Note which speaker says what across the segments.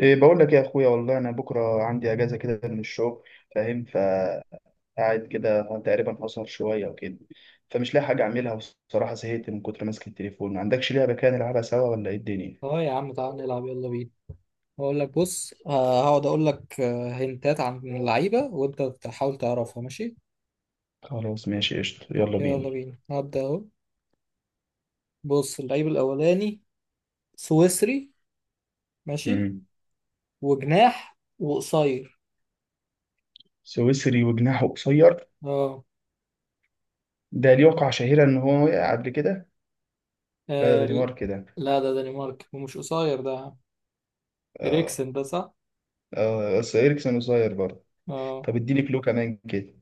Speaker 1: إيه، بقول لك يا اخويا، والله انا بكره عندي اجازه كده من الشغل، فاهم، فقاعد كده تقريبا اسهر شويه وكده، فمش لاقي حاجه اعملها والصراحه زهقت من كتر ماسك التليفون. ما عندكش لعبه كده نلعبها سوا ولا ايه الدنيا؟
Speaker 2: اه يا عم، تعال نلعب، يلا بينا. هقول لك بص، هقعد اقول لك، هنتات عن اللعيبه وانت تحاول تعرفها. ماشي
Speaker 1: خلاص، ماشي قشطه، يلا
Speaker 2: يلا
Speaker 1: بينا.
Speaker 2: بينا، هبدا اهو. بص اللعيب الاولاني سويسري. ماشي.
Speaker 1: امم
Speaker 2: وجناح وقصير.
Speaker 1: سويسري وجناحه قصير.
Speaker 2: اه.
Speaker 1: ده ليه وقعه شهيره، ان هو وقع قبل كده؟ لا،
Speaker 2: آه،
Speaker 1: ده
Speaker 2: ل-
Speaker 1: دنمارك كده.
Speaker 2: لا ده دنمارك، ومش قصير ده.
Speaker 1: اه.
Speaker 2: اريكسن ده صح.
Speaker 1: اه، بس اريكسن قصير برضه.
Speaker 2: اه.
Speaker 1: طب اديني كلو كمان كده.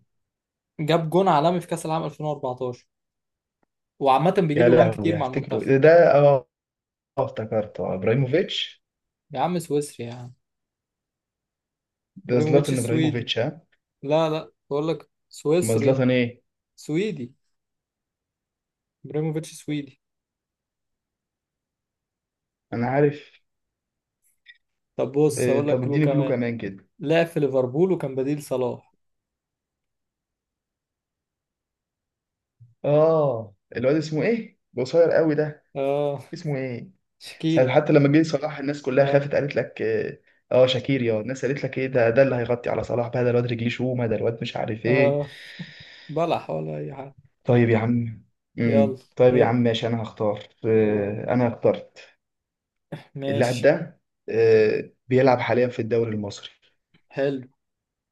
Speaker 2: جاب جون عالمي في كاس العالم 2014، وعامه بيجيب
Speaker 1: يا
Speaker 2: جوان
Speaker 1: لهوي،
Speaker 2: كتير مع
Speaker 1: هفتكره
Speaker 2: المنتخب.
Speaker 1: ده. اه. آه، افتكرته ابراهيموفيتش.
Speaker 2: يا عم سويسري يا عم.
Speaker 1: ده
Speaker 2: ابراهيموفيتش
Speaker 1: زلاتان
Speaker 2: سويدي.
Speaker 1: ابراهيموفيتش، ها؟
Speaker 2: لا، بقول لك
Speaker 1: ما
Speaker 2: سويسري.
Speaker 1: زلاتان ايه؟
Speaker 2: سويدي، ابراهيموفيتش سويدي.
Speaker 1: انا عارف.
Speaker 2: طب بص
Speaker 1: إيه،
Speaker 2: هقول لك
Speaker 1: طب
Speaker 2: كلو
Speaker 1: اديني كلو
Speaker 2: كمان.
Speaker 1: كمان كده.
Speaker 2: لعب في ليفربول وكان بديل صلاح.
Speaker 1: اه، الواد اسمه ايه قصير قوي ده؟
Speaker 2: اه،
Speaker 1: اسمه ايه؟ ساعة
Speaker 2: شكيري.
Speaker 1: حتى لما جه صلاح الناس كلها
Speaker 2: اه.
Speaker 1: خافت قالت لك إيه، اه شاكير، يا الناس قالت لك ايه ده اللي هيغطي على صلاح بقى؟ ده الواد رجليه شومه، ده الواد مش عارف ايه.
Speaker 2: اه، بلح ولا اي حاجه.
Speaker 1: طيب يا عم.
Speaker 2: يلا
Speaker 1: طيب يا عم،
Speaker 2: ابدا،
Speaker 1: ماشي. انا هختار
Speaker 2: يلا.
Speaker 1: آه، انا اخترت اللاعب
Speaker 2: ماشي،
Speaker 1: ده. آه، بيلعب حاليا في الدوري المصري.
Speaker 2: حلو.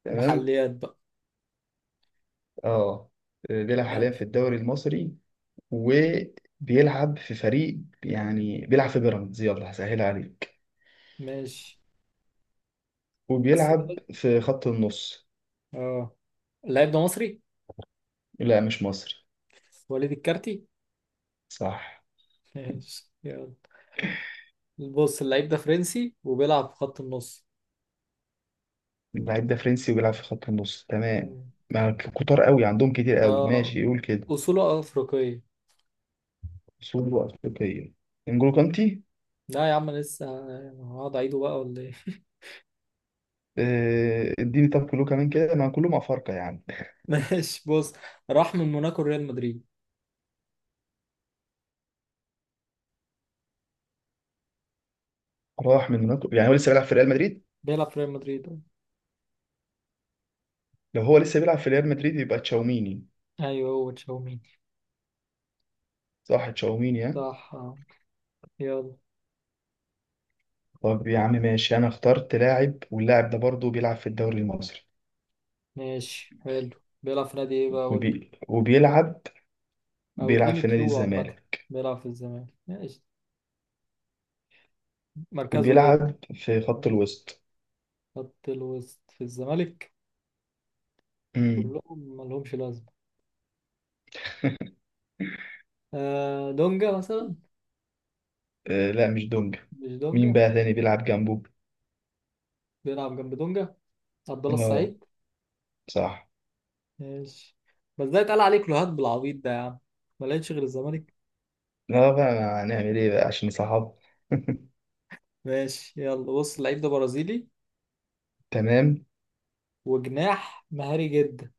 Speaker 1: تمام.
Speaker 2: محليات بقى.
Speaker 1: اه. آه، بيلعب حاليا
Speaker 2: ماشي.
Speaker 1: في الدوري المصري، وبيلعب في فريق، يعني بيلعب في بيراميدز، يلا هسهلها عليك.
Speaker 2: ماشي، بس
Speaker 1: وبيلعب
Speaker 2: كده.
Speaker 1: في خط النص.
Speaker 2: اه، اللعيب ده مصري.
Speaker 1: لا، مش مصري.
Speaker 2: وليد الكارتي.
Speaker 1: صح.
Speaker 2: ماشي يلا. بص اللعيب ده فرنسي، وبيلعب في خط النص.
Speaker 1: اللعيب ده فرنسي وبيلعب في خط النص، تمام.
Speaker 2: مم.
Speaker 1: ما كتار قوي، عندهم كتير قوي،
Speaker 2: اه،
Speaker 1: ماشي يقول كده.
Speaker 2: اصوله افريقيه.
Speaker 1: اصوله افريقيه. انجولو كانتي.
Speaker 2: لا يا عم لسه. هقعد اعيده بقى ولا ايه؟
Speaker 1: آه، اديني طب كله كمان كده، ما كلهم افارقه يعني.
Speaker 2: ماشي بص. راح من موناكو ريال مدريد.
Speaker 1: راح من هناك، يعني هو لسه بيلعب في ريال مدريد؟
Speaker 2: بيلعب في ريال مدريد أه.
Speaker 1: لو هو لسه بيلعب في ريال مدريد يبقى تشاوميني.
Speaker 2: ايوه هو تشاوميني.
Speaker 1: صح، تشاوميني، ها؟
Speaker 2: صح آه. يلا.
Speaker 1: طب يا عم ماشي، انا اخترت لاعب، واللاعب ده برضه بيلعب في الدوري المصري.
Speaker 2: ماشي حلو. بيلعب في نادي ايه بقى؟ قول لي.
Speaker 1: وبي... وبيلعب
Speaker 2: او
Speaker 1: بيلعب
Speaker 2: اديني
Speaker 1: في نادي
Speaker 2: كلو عامة.
Speaker 1: الزمالك.
Speaker 2: بيلعب في الزمالك ماشي. مركزه ايه؟
Speaker 1: وبيلعب في خط
Speaker 2: آه،
Speaker 1: الوسط.
Speaker 2: خط الوسط في الزمالك.
Speaker 1: امم.
Speaker 2: كلهم ملهمش لازمة. آه دونجا مثلا.
Speaker 1: آه، لا مش دونج.
Speaker 2: مش
Speaker 1: مين
Speaker 2: دونجا.
Speaker 1: بقى تاني بيلعب جنبه؟
Speaker 2: بيلعب جنب دونجا. عبد الله
Speaker 1: اه،
Speaker 2: السعيد.
Speaker 1: صح.
Speaker 2: ماشي، بس ده اتقال عليه كلوهات بالعبيط ده يا عم. ما لقيتش غير الزمالك.
Speaker 1: لا بقى، ما هنعمل ايه بقى عشان صحاب.
Speaker 2: ماشي يلا. بص اللعيب ده برازيلي،
Speaker 1: تمام.
Speaker 2: وجناح مهاري جدا.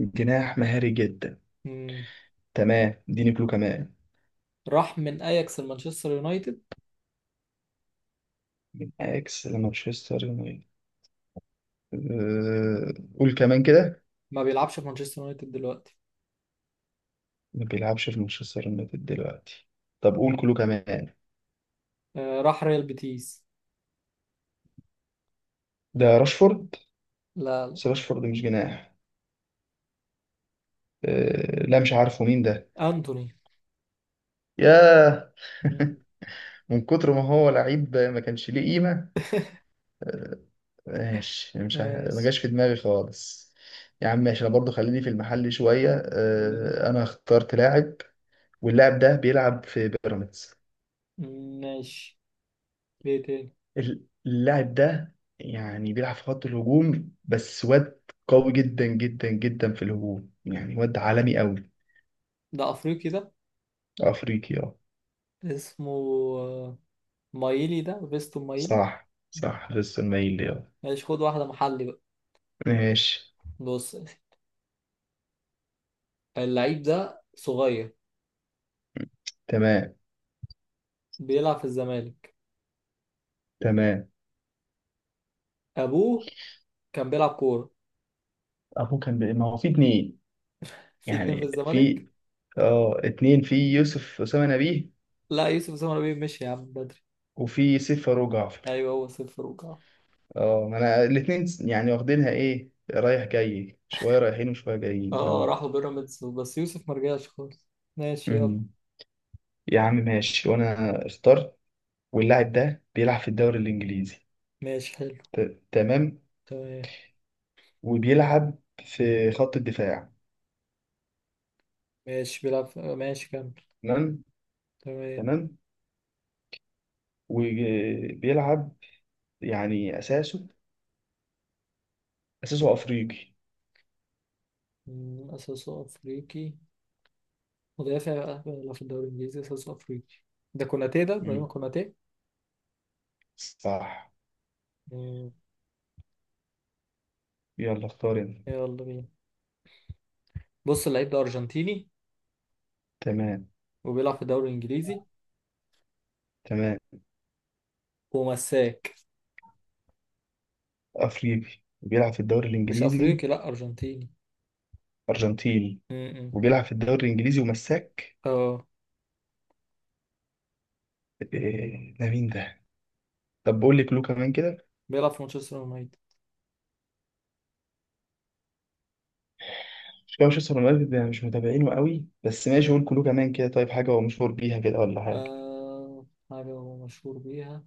Speaker 1: جناح مهاري جدا.
Speaker 2: مم.
Speaker 1: تمام، اديني كلو كمان.
Speaker 2: راح من اياكس لمانشستر يونايتد.
Speaker 1: من اكس لمانشستر يونايتد. آه، قول كمان كده.
Speaker 2: ما بيلعبش في مانشستر يونايتد دلوقتي.
Speaker 1: ما بيلعبش في مانشستر يونايتد دلوقتي. طب قول كلو كمان.
Speaker 2: آه، راح ريال بيتيس.
Speaker 1: ده راشفورد.
Speaker 2: لا،
Speaker 1: بس راشفورد مش جناح. آه، لا مش عارفه مين ده.
Speaker 2: انتوني.
Speaker 1: ياه.
Speaker 2: مم.
Speaker 1: من كتر ما هو لعيب ما كانش ليه قيمة. ماشي، مش ه- ما
Speaker 2: ماشي.
Speaker 1: جاش في دماغي خالص. يا عم ماشي، انا برضو خليني في المحل شوية،
Speaker 2: خليه.
Speaker 1: انا اخترت لاعب. واللاعب ده بيلعب في بيراميدز.
Speaker 2: مم، ماشي. ايه تاني؟
Speaker 1: اللاعب ده يعني بيلعب في خط الهجوم، بس واد قوي جدا جدا جدا في الهجوم، يعني واد عالمي قوي.
Speaker 2: ده افريقي ده.
Speaker 1: افريقي، اه.
Speaker 2: اسمه آه، مايلي. ده فيستون مايلي.
Speaker 1: صح صح، لسه المايل ليه، آه.
Speaker 2: ماشي، خد واحدة محلي بقى.
Speaker 1: ماشي.
Speaker 2: بص يا أخي. اللعيب ده صغير،
Speaker 1: تمام.
Speaker 2: بيلعب في الزمالك.
Speaker 1: تمام.
Speaker 2: ابوه كان بيلعب كورة.
Speaker 1: ابوه ما هو في اتنين.
Speaker 2: في اتنين في
Speaker 1: يعني
Speaker 2: الزمالك.
Speaker 1: في. اه، اتنين في يوسف أسامة نبيه.
Speaker 2: لا يوسف سمر بيه مشي يا عم بدري.
Speaker 1: وفي سيف فاروق جعفر.
Speaker 2: ايوه هو صفر.
Speaker 1: اه، ما انا الاتنين يعني واخدينها ايه، رايح جاي، شوية رايحين وشوية جايين،
Speaker 2: اه
Speaker 1: اه.
Speaker 2: راحوا بيراميدز، بس يوسف مرجعش خالص. ماشي يلا.
Speaker 1: امم. يا عم ماشي، وانا اخترت. واللاعب ده بيلعب في الدوري الانجليزي.
Speaker 2: ماشي حلو.
Speaker 1: تمام.
Speaker 2: تمام.
Speaker 1: وبيلعب في خط الدفاع.
Speaker 2: ماشي، بيلعب في- آه، ماشي كمل.
Speaker 1: تمام.
Speaker 2: تمام.
Speaker 1: تمام. وبيلعب، يعني اساسه
Speaker 2: مم.
Speaker 1: افريقي.
Speaker 2: مم، أساسه أفريقي. مدافع بقى، بيلعب في الدوري الإنجليزي، أساسه أفريقي. ده كوناتي، ده إبراهيم
Speaker 1: مم.
Speaker 2: كوناتي.
Speaker 1: صح.
Speaker 2: مم،
Speaker 1: يلا اختار انت.
Speaker 2: يلا بينا. بص اللعيب ده أرجنتيني،
Speaker 1: تمام.
Speaker 2: وبيلعب في الدوري الإنجليزي،
Speaker 1: تمام.
Speaker 2: ومساك.
Speaker 1: افريقي بيلعب في الدوري
Speaker 2: مش
Speaker 1: الانجليزي.
Speaker 2: أفريقي، لأ أرجنتيني.
Speaker 1: ارجنتيني.
Speaker 2: مم.
Speaker 1: وبيلعب في الدوري الانجليزي، ومساك.
Speaker 2: اه.
Speaker 1: إيه ده، مين ده؟ طب بقول لك كلو كمان كده.
Speaker 2: بيلعب في مانشستر يونايتد.
Speaker 1: مش كده مانشستر يونايتد، يعني مش متابعينه قوي، بس ماشي قول كلو كمان كده. طيب، حاجه هو مشهور بيها كده ولا حاجه؟
Speaker 2: آه، حاجة هو مشهور بيها.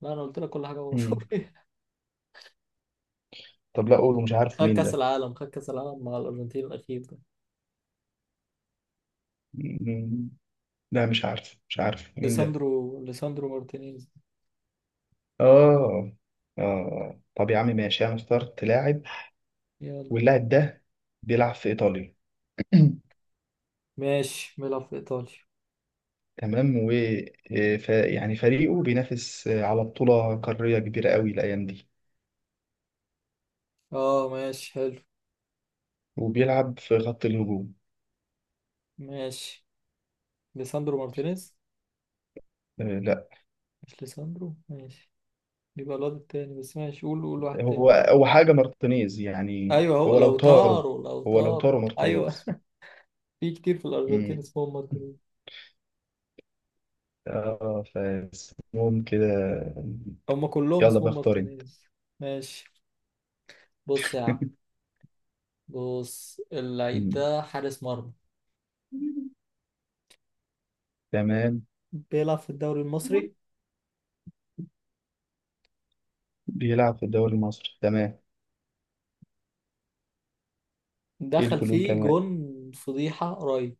Speaker 2: لا، أنا قلت لك كل حاجة هو
Speaker 1: مم.
Speaker 2: مشهور.
Speaker 1: طب لا قول، مش عارف
Speaker 2: خد
Speaker 1: مين
Speaker 2: كأس
Speaker 1: ده.
Speaker 2: العالم، خد كأس العالم مع الأرجنتين الأخير ده.
Speaker 1: مم. لا مش عارف، مش عارف مين ده.
Speaker 2: ليساندرو، ليساندرو مارتينيز.
Speaker 1: اه. اه، طب يا عم ماشي، انا اخترت لاعب.
Speaker 2: يلا.
Speaker 1: واللاعب ده بيلعب في ايطاليا.
Speaker 2: ماشي. بيلعب في إيطاليا.
Speaker 1: تمام. و يعني فريقه بينافس على بطولة قارية كبيرة قوي الأيام دي.
Speaker 2: اه ماشي حلو.
Speaker 1: وبيلعب في خط الهجوم.
Speaker 2: ماشي، ليساندرو مارتينيز.
Speaker 1: آه، لا.
Speaker 2: مش ليساندرو ماشي. يبقى الواد التاني، بس ماشي قول، قول واحد تاني.
Speaker 1: هو حاجة مارتينيز، يعني
Speaker 2: ايوه هو
Speaker 1: هو لو
Speaker 2: لو
Speaker 1: طاروا.
Speaker 2: طاروا، لو
Speaker 1: هو لو
Speaker 2: طار.
Speaker 1: طاروا
Speaker 2: ايوه.
Speaker 1: مارتينيز.
Speaker 2: في كتير في الأرجنتين
Speaker 1: مم.
Speaker 2: اسمهم مارتينيز.
Speaker 1: اه، فاسمهم كده.
Speaker 2: هم كلهم
Speaker 1: يلا بقى
Speaker 2: اسمهم
Speaker 1: اختار انت.
Speaker 2: مارتينيز. ماشي. بص يا عم. بص اللعيب
Speaker 1: مم.
Speaker 2: ده حارس مرمى.
Speaker 1: تمام.
Speaker 2: بيلعب في الدوري المصري.
Speaker 1: بيلعب في الدوري المصري، تمام. ايه
Speaker 2: دخل
Speaker 1: الكلو
Speaker 2: فيه
Speaker 1: كمان؟
Speaker 2: جون فضيحة قريب.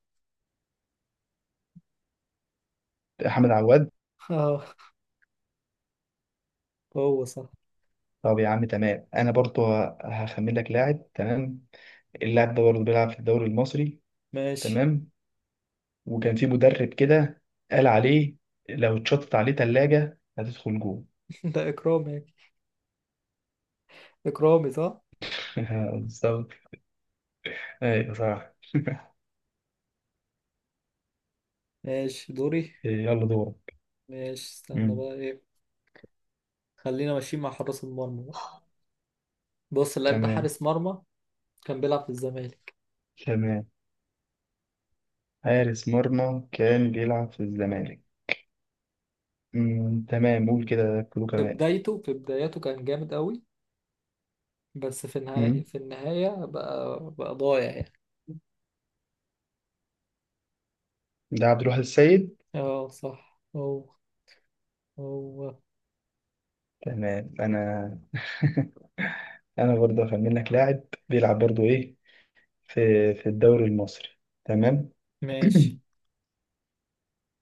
Speaker 1: احمد عواد.
Speaker 2: اه، هو صح.
Speaker 1: طب يا عم تمام، انا برضو هخمن لك لاعب. تمام. اللاعب ده برضه بيلعب في الدوري المصري.
Speaker 2: ماشي.
Speaker 1: تمام. وكان في مدرب كده قال عليه لو اتشطت عليه تلاجة هتدخل جوه.
Speaker 2: ده إكرامي. إكرامي صح.
Speaker 1: بالظبط. ايوه، صح.
Speaker 2: ماشي دوري.
Speaker 1: يلا دورك.
Speaker 2: ماشي، استنى
Speaker 1: مم.
Speaker 2: بقى إيه. خلينا ماشيين مع حراس المرمى بقى. بص اللاعب ده
Speaker 1: تمام.
Speaker 2: حارس مرمى، كان بيلعب في الزمالك.
Speaker 1: تمام، حارس مرمى كان بيلعب في الزمالك. مم. تمام، قول كده كله
Speaker 2: في
Speaker 1: كمان.
Speaker 2: بدايته في بداياته كان جامد قوي. بس في النهاية
Speaker 1: مم.
Speaker 2: في النهاية بقى ضايع يعني.
Speaker 1: ده عبد الواحد السيد.
Speaker 2: اه صح، هو هو.
Speaker 1: تمام. انا انا برضه هخمن لك لاعب. بيلعب برضه ايه، في في الدوري المصري. تمام.
Speaker 2: ماشي.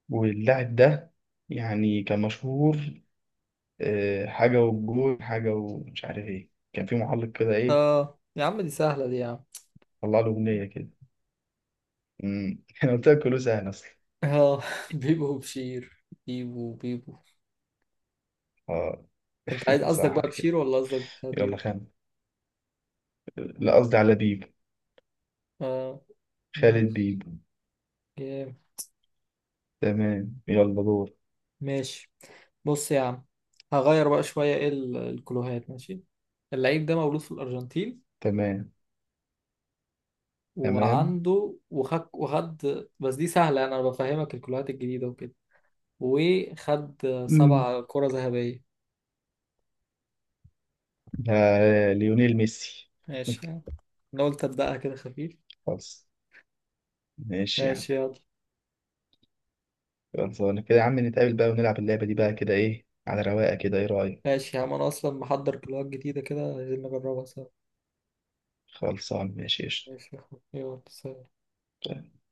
Speaker 1: واللاعب ده يعني كان مشهور، حاجة والجول حاجة، ومش عارف ايه، كان في محلق كده ايه.
Speaker 2: اه يا عم دي سهلة، دي يا عم.
Speaker 1: طلع له أغنية كده. انا قلت لك كله سهل اصلا.
Speaker 2: اه بيبو، بشير بيبو، بيبو.
Speaker 1: اه،
Speaker 2: انت عايز قصدك
Speaker 1: صح
Speaker 2: بقى
Speaker 1: كده.
Speaker 2: بشيرو، ولا قصدك
Speaker 1: يلا
Speaker 2: حبيب؟
Speaker 1: خان. لا، قصدي على بيبو.
Speaker 2: اه.
Speaker 1: خالد
Speaker 2: ماشي.
Speaker 1: بيبو.
Speaker 2: جامد.
Speaker 1: تمام، يلا دور.
Speaker 2: ماشي بص يا عم، هغير بقى شوية ايه الكلوهات. ماشي، اللعيب ده مولود في الأرجنتين،
Speaker 1: تمام. تمام.
Speaker 2: وعنده وخد بس دي سهلة، أنا بفهمك الكلوهات الجديدة وكده. وخد
Speaker 1: أمم.
Speaker 2: 7 كرة ذهبية.
Speaker 1: آه، ليونيل ميسي.
Speaker 2: ماشي يعني، أنا قلت أبدأها كده خفيف.
Speaker 1: خلاص. ماشي يا عم.
Speaker 2: ماشي يلا.
Speaker 1: خلصانة كده يا عم، نتقابل بقى ونلعب اللعبة دي بقى كده، ايه على رواقة كده، ايه رأيك؟
Speaker 2: ماشي يا عم، أنا أصلا محضر كلوهات جديدة كده عايزين نجربها سوا.
Speaker 1: خلصان، ماشي قشطة.
Speaker 2: ماشي يا أخوي. يلا سلام.